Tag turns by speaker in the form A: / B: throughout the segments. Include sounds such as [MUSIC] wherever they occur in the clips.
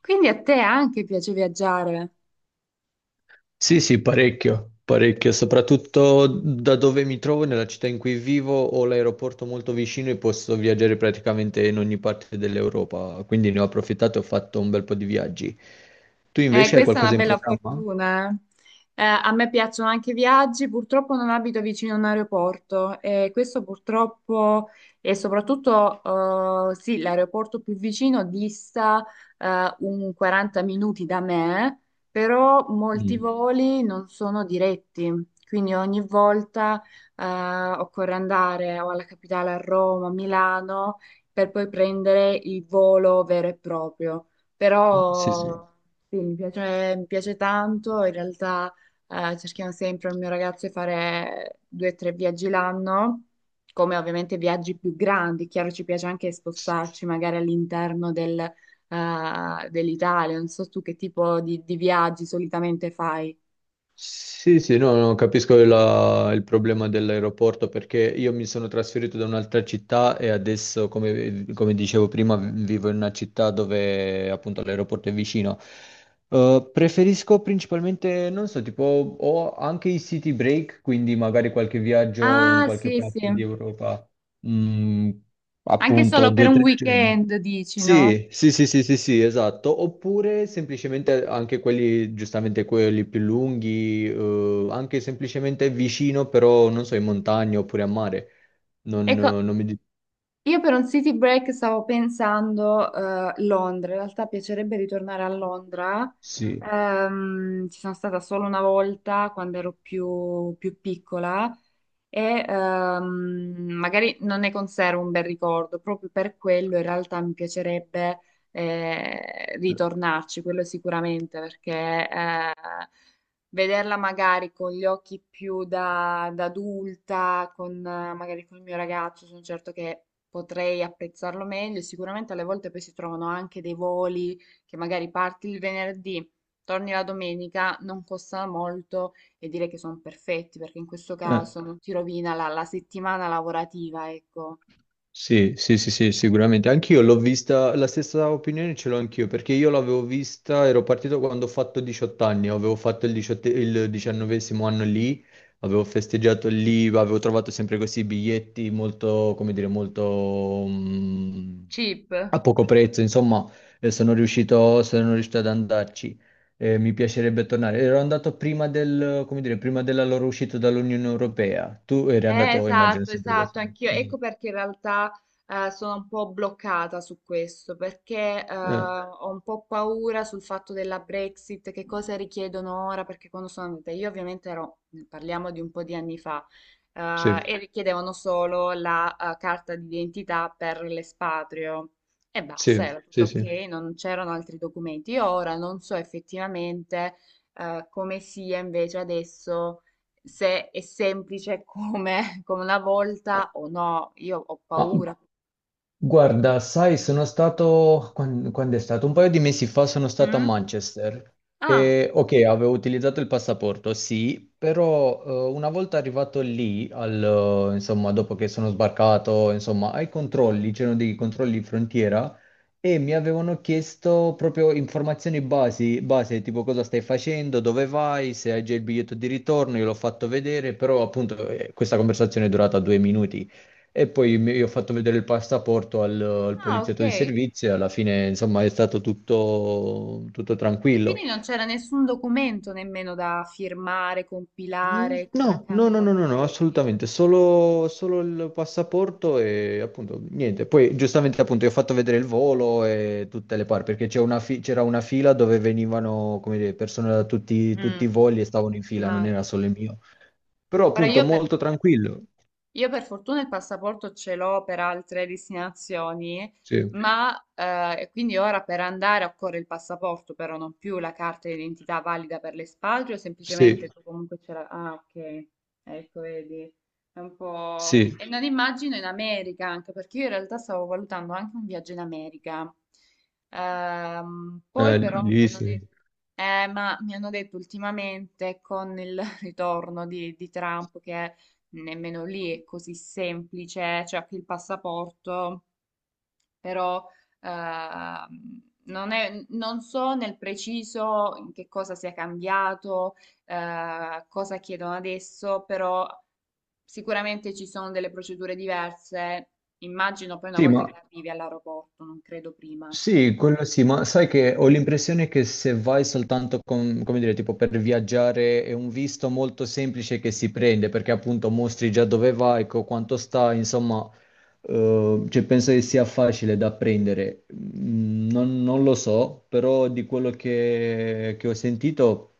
A: Quindi a te anche piace viaggiare?
B: Sì, sì, parecchio, parecchio, soprattutto da dove mi trovo, nella città in cui vivo, ho l'aeroporto molto vicino e posso viaggiare praticamente in ogni parte dell'Europa, quindi ne ho approfittato e ho fatto un bel po' di viaggi. Tu invece hai
A: Questa è una
B: qualcosa in
A: bella
B: programma?
A: fortuna. A me piacciono anche i viaggi, purtroppo non abito vicino a un aeroporto e questo purtroppo e soprattutto sì, l'aeroporto più vicino dista un 40 minuti da me, però molti
B: Mm.
A: voli non sono diretti, quindi ogni volta eh, occorre andare o alla capitale, a Roma, a Milano, per poi prendere il volo vero e proprio.
B: Sì, sì.
A: Però sì, mi piace tanto, in realtà cerchiamo sempre il mio ragazzo di fare due o tre viaggi l'anno, come ovviamente viaggi più grandi, chiaro ci piace anche spostarci magari all'interno dell'Italia, non so tu che tipo di viaggi solitamente fai.
B: Sì, sì, no, no, capisco il problema dell'aeroporto perché io mi sono trasferito da un'altra città e adesso, come dicevo prima, vivo in una città dove appunto l'aeroporto è vicino. Preferisco principalmente, non so, tipo ho anche i city break, quindi magari qualche viaggio in
A: Ah,
B: qualche
A: sì, sì,
B: parte di Europa, mm,
A: anche
B: appunto
A: solo per
B: due o
A: un
B: tre giorni.
A: weekend, dici, no?
B: Sì, sì, sì, sì, sì, sì, esatto. Oppure semplicemente anche quelli, giustamente quelli più lunghi, anche semplicemente vicino, però non so, in montagna oppure a mare. Non,
A: Ecco,
B: non mi dico.
A: io per un city break stavo pensando Londra, in realtà piacerebbe ritornare a Londra.
B: Sì.
A: Ci sono stata solo una volta quando ero più piccola e magari non ne conservo un bel ricordo, proprio per quello in realtà mi piacerebbe ritornarci, quello sicuramente, perché eh, vederla magari con gli occhi più da adulta, con, magari con il mio ragazzo, sono certo che potrei apprezzarlo meglio. Sicuramente alle volte poi si trovano anche dei voli che magari parti il venerdì, torni la domenica, non costano molto e direi che sono perfetti perché in questo
B: Eh,
A: caso non ti rovina la settimana lavorativa, ecco.
B: Sì, sì, sì, sì, sicuramente. Anch'io l'ho vista, la stessa opinione ce l'ho anch'io, perché io l'avevo vista, ero partito quando ho fatto 18 anni, avevo fatto 18 il 19º anno lì, avevo festeggiato lì, avevo trovato sempre questi biglietti molto, come dire, molto
A: Cheap.
B: a poco prezzo, insomma, sono riuscito ad andarci. Mi piacerebbe tornare. Ero andato come dire, prima della loro uscita dall'Unione Europea. Tu eri andato, immagino,
A: Esatto,
B: sempre da
A: esatto,
B: solo.
A: anch'io.
B: Mm.
A: Ecco perché in realtà sono un po' bloccata su questo, perché
B: Eh.
A: ho un po' paura sul fatto della Brexit, che cosa richiedono ora, perché quando sono andata io ovviamente ero, parliamo di un po' di anni fa,
B: Sì,
A: e richiedevano solo la carta d'identità per l'espatrio e basta,
B: sì,
A: era tutto
B: sì,
A: ok,
B: sì.
A: non c'erano altri documenti. Io ora non so effettivamente come sia invece adesso, se è semplice come, [LAUGHS] come una volta o no. Io ho
B: No.
A: paura.
B: Guarda, sai, sono stato, quando, è stato? Un paio di mesi fa sono stato a
A: Mm?
B: Manchester
A: Ah,
B: e ok, avevo utilizzato il passaporto, sì, però una volta arrivato lì, insomma, dopo che sono sbarcato, insomma, ai controlli, c'erano dei controlli di frontiera e mi avevano chiesto proprio informazioni base, tipo cosa stai facendo, dove vai, se hai già il biglietto di ritorno, io l'ho fatto vedere, però appunto questa conversazione è durata 2 minuti. E poi io ho fatto vedere il passaporto al
A: ah, ok.
B: poliziotto di servizio e alla fine, insomma, è stato tutto,
A: E
B: tranquillo.
A: quindi non c'era nessun documento nemmeno da firmare, compilare, come
B: No,
A: accade
B: no,
A: in
B: no, no,
A: molti
B: no, no,
A: paesi.
B: assolutamente, solo il passaporto e appunto niente. Poi giustamente appunto io ho fatto vedere il volo e tutte le parti, perché c'era una fila dove venivano, come dire, persone da tutti,
A: Mm,
B: tutti i voli e stavano in fila, non
A: immagino.
B: era solo il mio. Però
A: Ora
B: appunto
A: io per
B: molto tranquillo.
A: Io per fortuna il passaporto ce l'ho per altre destinazioni,
B: Sì,
A: ma quindi ora per andare occorre il passaporto, però non più la carta d'identità valida per l'espatrio, semplicemente
B: sì,
A: tu comunque ce la. Ah, ok, ecco, vedi. È un po'.
B: sì,
A: E non immagino in America anche, perché io in realtà stavo valutando anche un viaggio in America. Poi però mi
B: lì
A: hanno
B: sì.
A: detto. Ma mi hanno detto ultimamente con il [LAUGHS] ritorno di Trump che nemmeno lì è così semplice, c'è anche il passaporto, però non so nel preciso in che cosa sia cambiato, cosa chiedono adesso, però sicuramente ci sono delle procedure diverse. Immagino poi una
B: Sì,
A: volta che
B: ma
A: arrivi all'aeroporto, non credo prima.
B: Sì, quello sì, ma sai che ho l'impressione che se vai soltanto con, come dire, tipo per viaggiare è un visto molto semplice che si prende, perché appunto mostri già dove vai, quanto stai, insomma, cioè penso che sia facile da prendere. Non lo so, però di quello che ho sentito,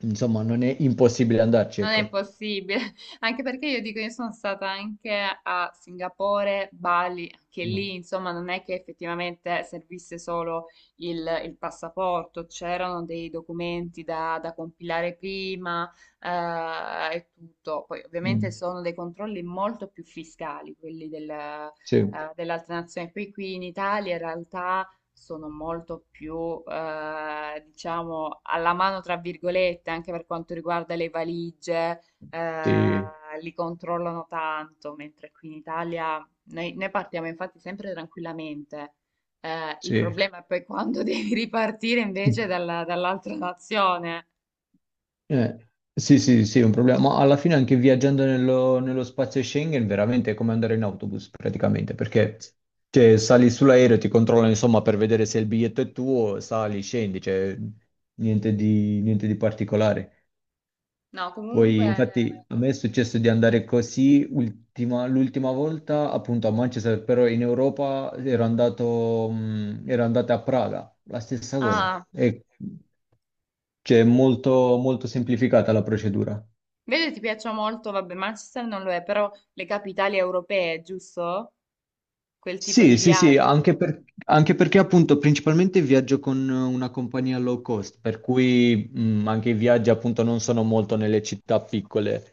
B: insomma, non è impossibile andarci,
A: Non è
B: ecco.
A: impossibile, [LAUGHS] anche perché io dico, io sono stata anche a Singapore, Bali, anche lì,
B: Mm.
A: insomma, non è che effettivamente servisse solo il, il passaporto, c'erano dei documenti da compilare prima, e tutto. Poi
B: Mm.
A: ovviamente sono dei controlli molto più fiscali, quelli
B: Sì,
A: dell'altra nazione. Qui in Italia in realtà sono molto più, diciamo, "alla mano" tra virgolette, anche per quanto riguarda le valigie,
B: sì,
A: ehm, li controllano tanto, mentre qui in Italia noi partiamo infatti sempre tranquillamente. Il problema è poi quando [LAUGHS] devi ripartire
B: sì.
A: invece dall'altra nazione.
B: Eh, sì, sì, sì, è un problema. Ma alla fine anche viaggiando nello spazio Schengen veramente è come andare in autobus praticamente, perché cioè, sali sull'aereo, ti controllano insomma per vedere se il biglietto è tuo, sali, scendi, cioè niente di particolare.
A: No, comunque.
B: Poi infatti a me è successo di andare così l'ultima volta appunto a Manchester, però in Europa ero andato a Praga, la stessa cosa.
A: Ah,
B: E, cioè, è molto molto semplificata la procedura.
A: vedi, ti piacciono molto, vabbè, Manchester non lo è, però le capitali europee, giusto? Quel tipo
B: Sì,
A: di
B: sì, sì,
A: viaggi.
B: anche, anche perché appunto principalmente viaggio con una compagnia low cost, per cui anche i viaggi appunto non sono molto nelle città piccole.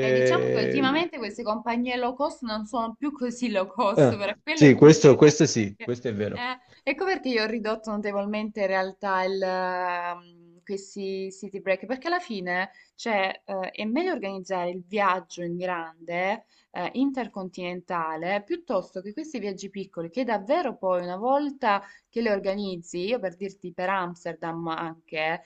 A: E diciamo che ultimamente queste compagnie low cost non sono più così low cost,
B: eh,
A: per quello è
B: sì,
A: il
B: questo,
A: problema. [LAUGHS]
B: questo sì, questo è vero.
A: Eh, ecco perché io ho ridotto notevolmente in realtà questi city break, perché alla fine, cioè, è meglio organizzare il viaggio in grande, intercontinentale, piuttosto che questi viaggi piccoli, che davvero poi una volta che li organizzi, io per dirti per Amsterdam anche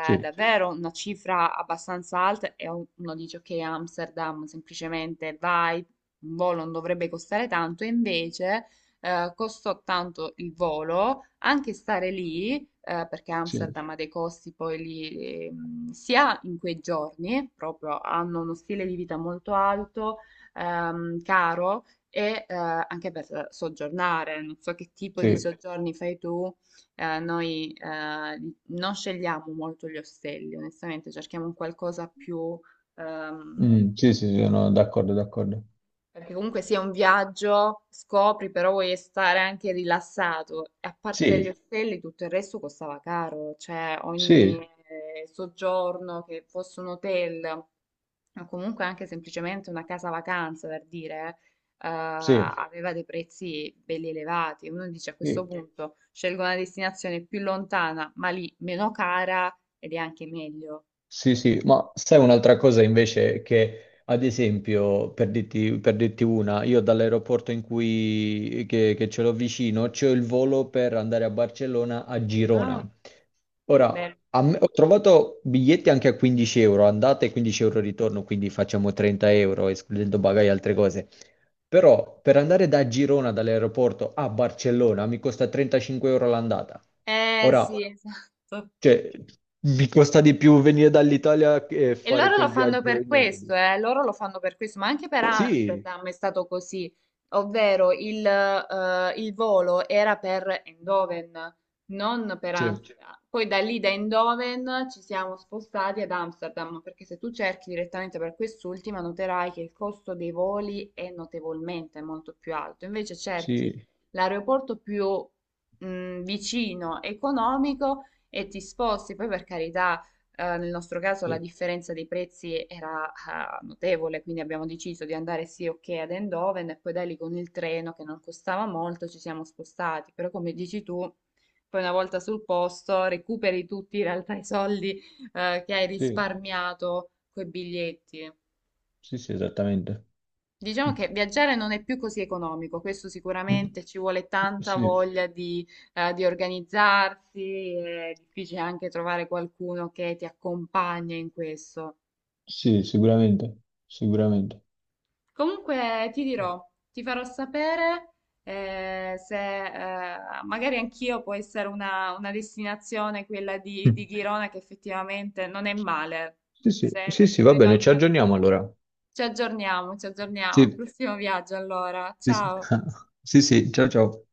B: Sì,
A: davvero una cifra abbastanza alta e uno dice ok, Amsterdam semplicemente vai, un volo non dovrebbe costare tanto, e invece costò tanto il volo, anche stare lì, perché
B: sì,
A: Amsterdam ha dei costi poi lì, sia in quei giorni, proprio hanno uno stile di vita molto alto, caro, e anche per soggiornare, non so che tipo di
B: sì,
A: soggiorni fai tu, noi non scegliamo molto gli ostelli, onestamente cerchiamo un qualcosa più ehm,
B: Mm, sì, sì, sono d'accordo, d'accordo.
A: perché comunque sia un viaggio, scopri, però vuoi stare anche rilassato. E a parte gli
B: Sì,
A: ostelli, tutto il resto costava caro, cioè ogni
B: sì,
A: soggiorno, che fosse un hotel, o comunque anche semplicemente una casa vacanza, per dire,
B: sì,
A: aveva dei prezzi belli elevati. Uno dice a questo
B: sì.
A: punto scelgo una destinazione più lontana, ma lì meno cara ed è anche meglio.
B: Sì, sì, ma sai un'altra cosa invece che, ad esempio, per dirti, una, io dall'aeroporto in cui che ce l'ho vicino, c'ho il volo per andare a Barcellona a Girona.
A: Ah,
B: Ora,
A: beh.
B: ho trovato biglietti anche a 15 euro, andate e 15 euro ritorno, quindi facciamo 30 euro, escludendo bagagli e altre cose. Però per andare da Girona, dall'aeroporto a Barcellona, mi costa 35 euro l'andata.
A: Eh
B: Ora,
A: sì, esatto.
B: cioè, mi costa di più venire dall'Italia che
A: E
B: fare
A: loro lo
B: quel
A: fanno
B: viaggio
A: per
B: in
A: questo,
B: autobus.
A: ma anche per
B: Sì,
A: Amsterdam è stato così, ovvero il volo era per Eindhoven, non per
B: sì,
A: Amsterdam. Poi da lì da Eindhoven ci siamo spostati ad Amsterdam, perché se tu cerchi direttamente per quest'ultima noterai che il costo dei voli è notevolmente molto più alto, invece cerchi
B: sì,
A: l'aeroporto più vicino, economico e ti sposti, poi per carità nel nostro caso la
B: sì,
A: differenza dei prezzi era notevole, quindi abbiamo deciso di andare sì ok ad Eindhoven e poi da lì con il treno che non costava molto ci siamo spostati, però come dici tu, poi una volta sul posto recuperi tutti in realtà i soldi che hai
B: sì,
A: risparmiato coi biglietti.
B: sì, sì, esattamente.
A: Diciamo che
B: [LAUGHS]
A: viaggiare non è più così economico, questo
B: Mm.
A: sicuramente ci vuole tanta
B: Sì,
A: voglia di organizzarsi, è difficile anche trovare qualcuno che ti accompagna in questo.
B: sì, sicuramente, sicuramente.
A: Comunque ti dirò, ti farò sapere se eh, magari anch'io può essere una destinazione, quella di
B: Mm.
A: Girona che effettivamente non è male,
B: Sì, sì,
A: se,
B: sì,
A: perché
B: sì, va
A: credo
B: bene,
A: anche
B: ci
A: da
B: aggiorniamo
A: Brindisi.
B: allora.
A: Ci aggiorniamo, ci aggiorniamo.
B: Sì,
A: Prossimo viaggio allora,
B: sì, sì.
A: ciao.
B: [LAUGHS] Sì, sì, ciao, ciao.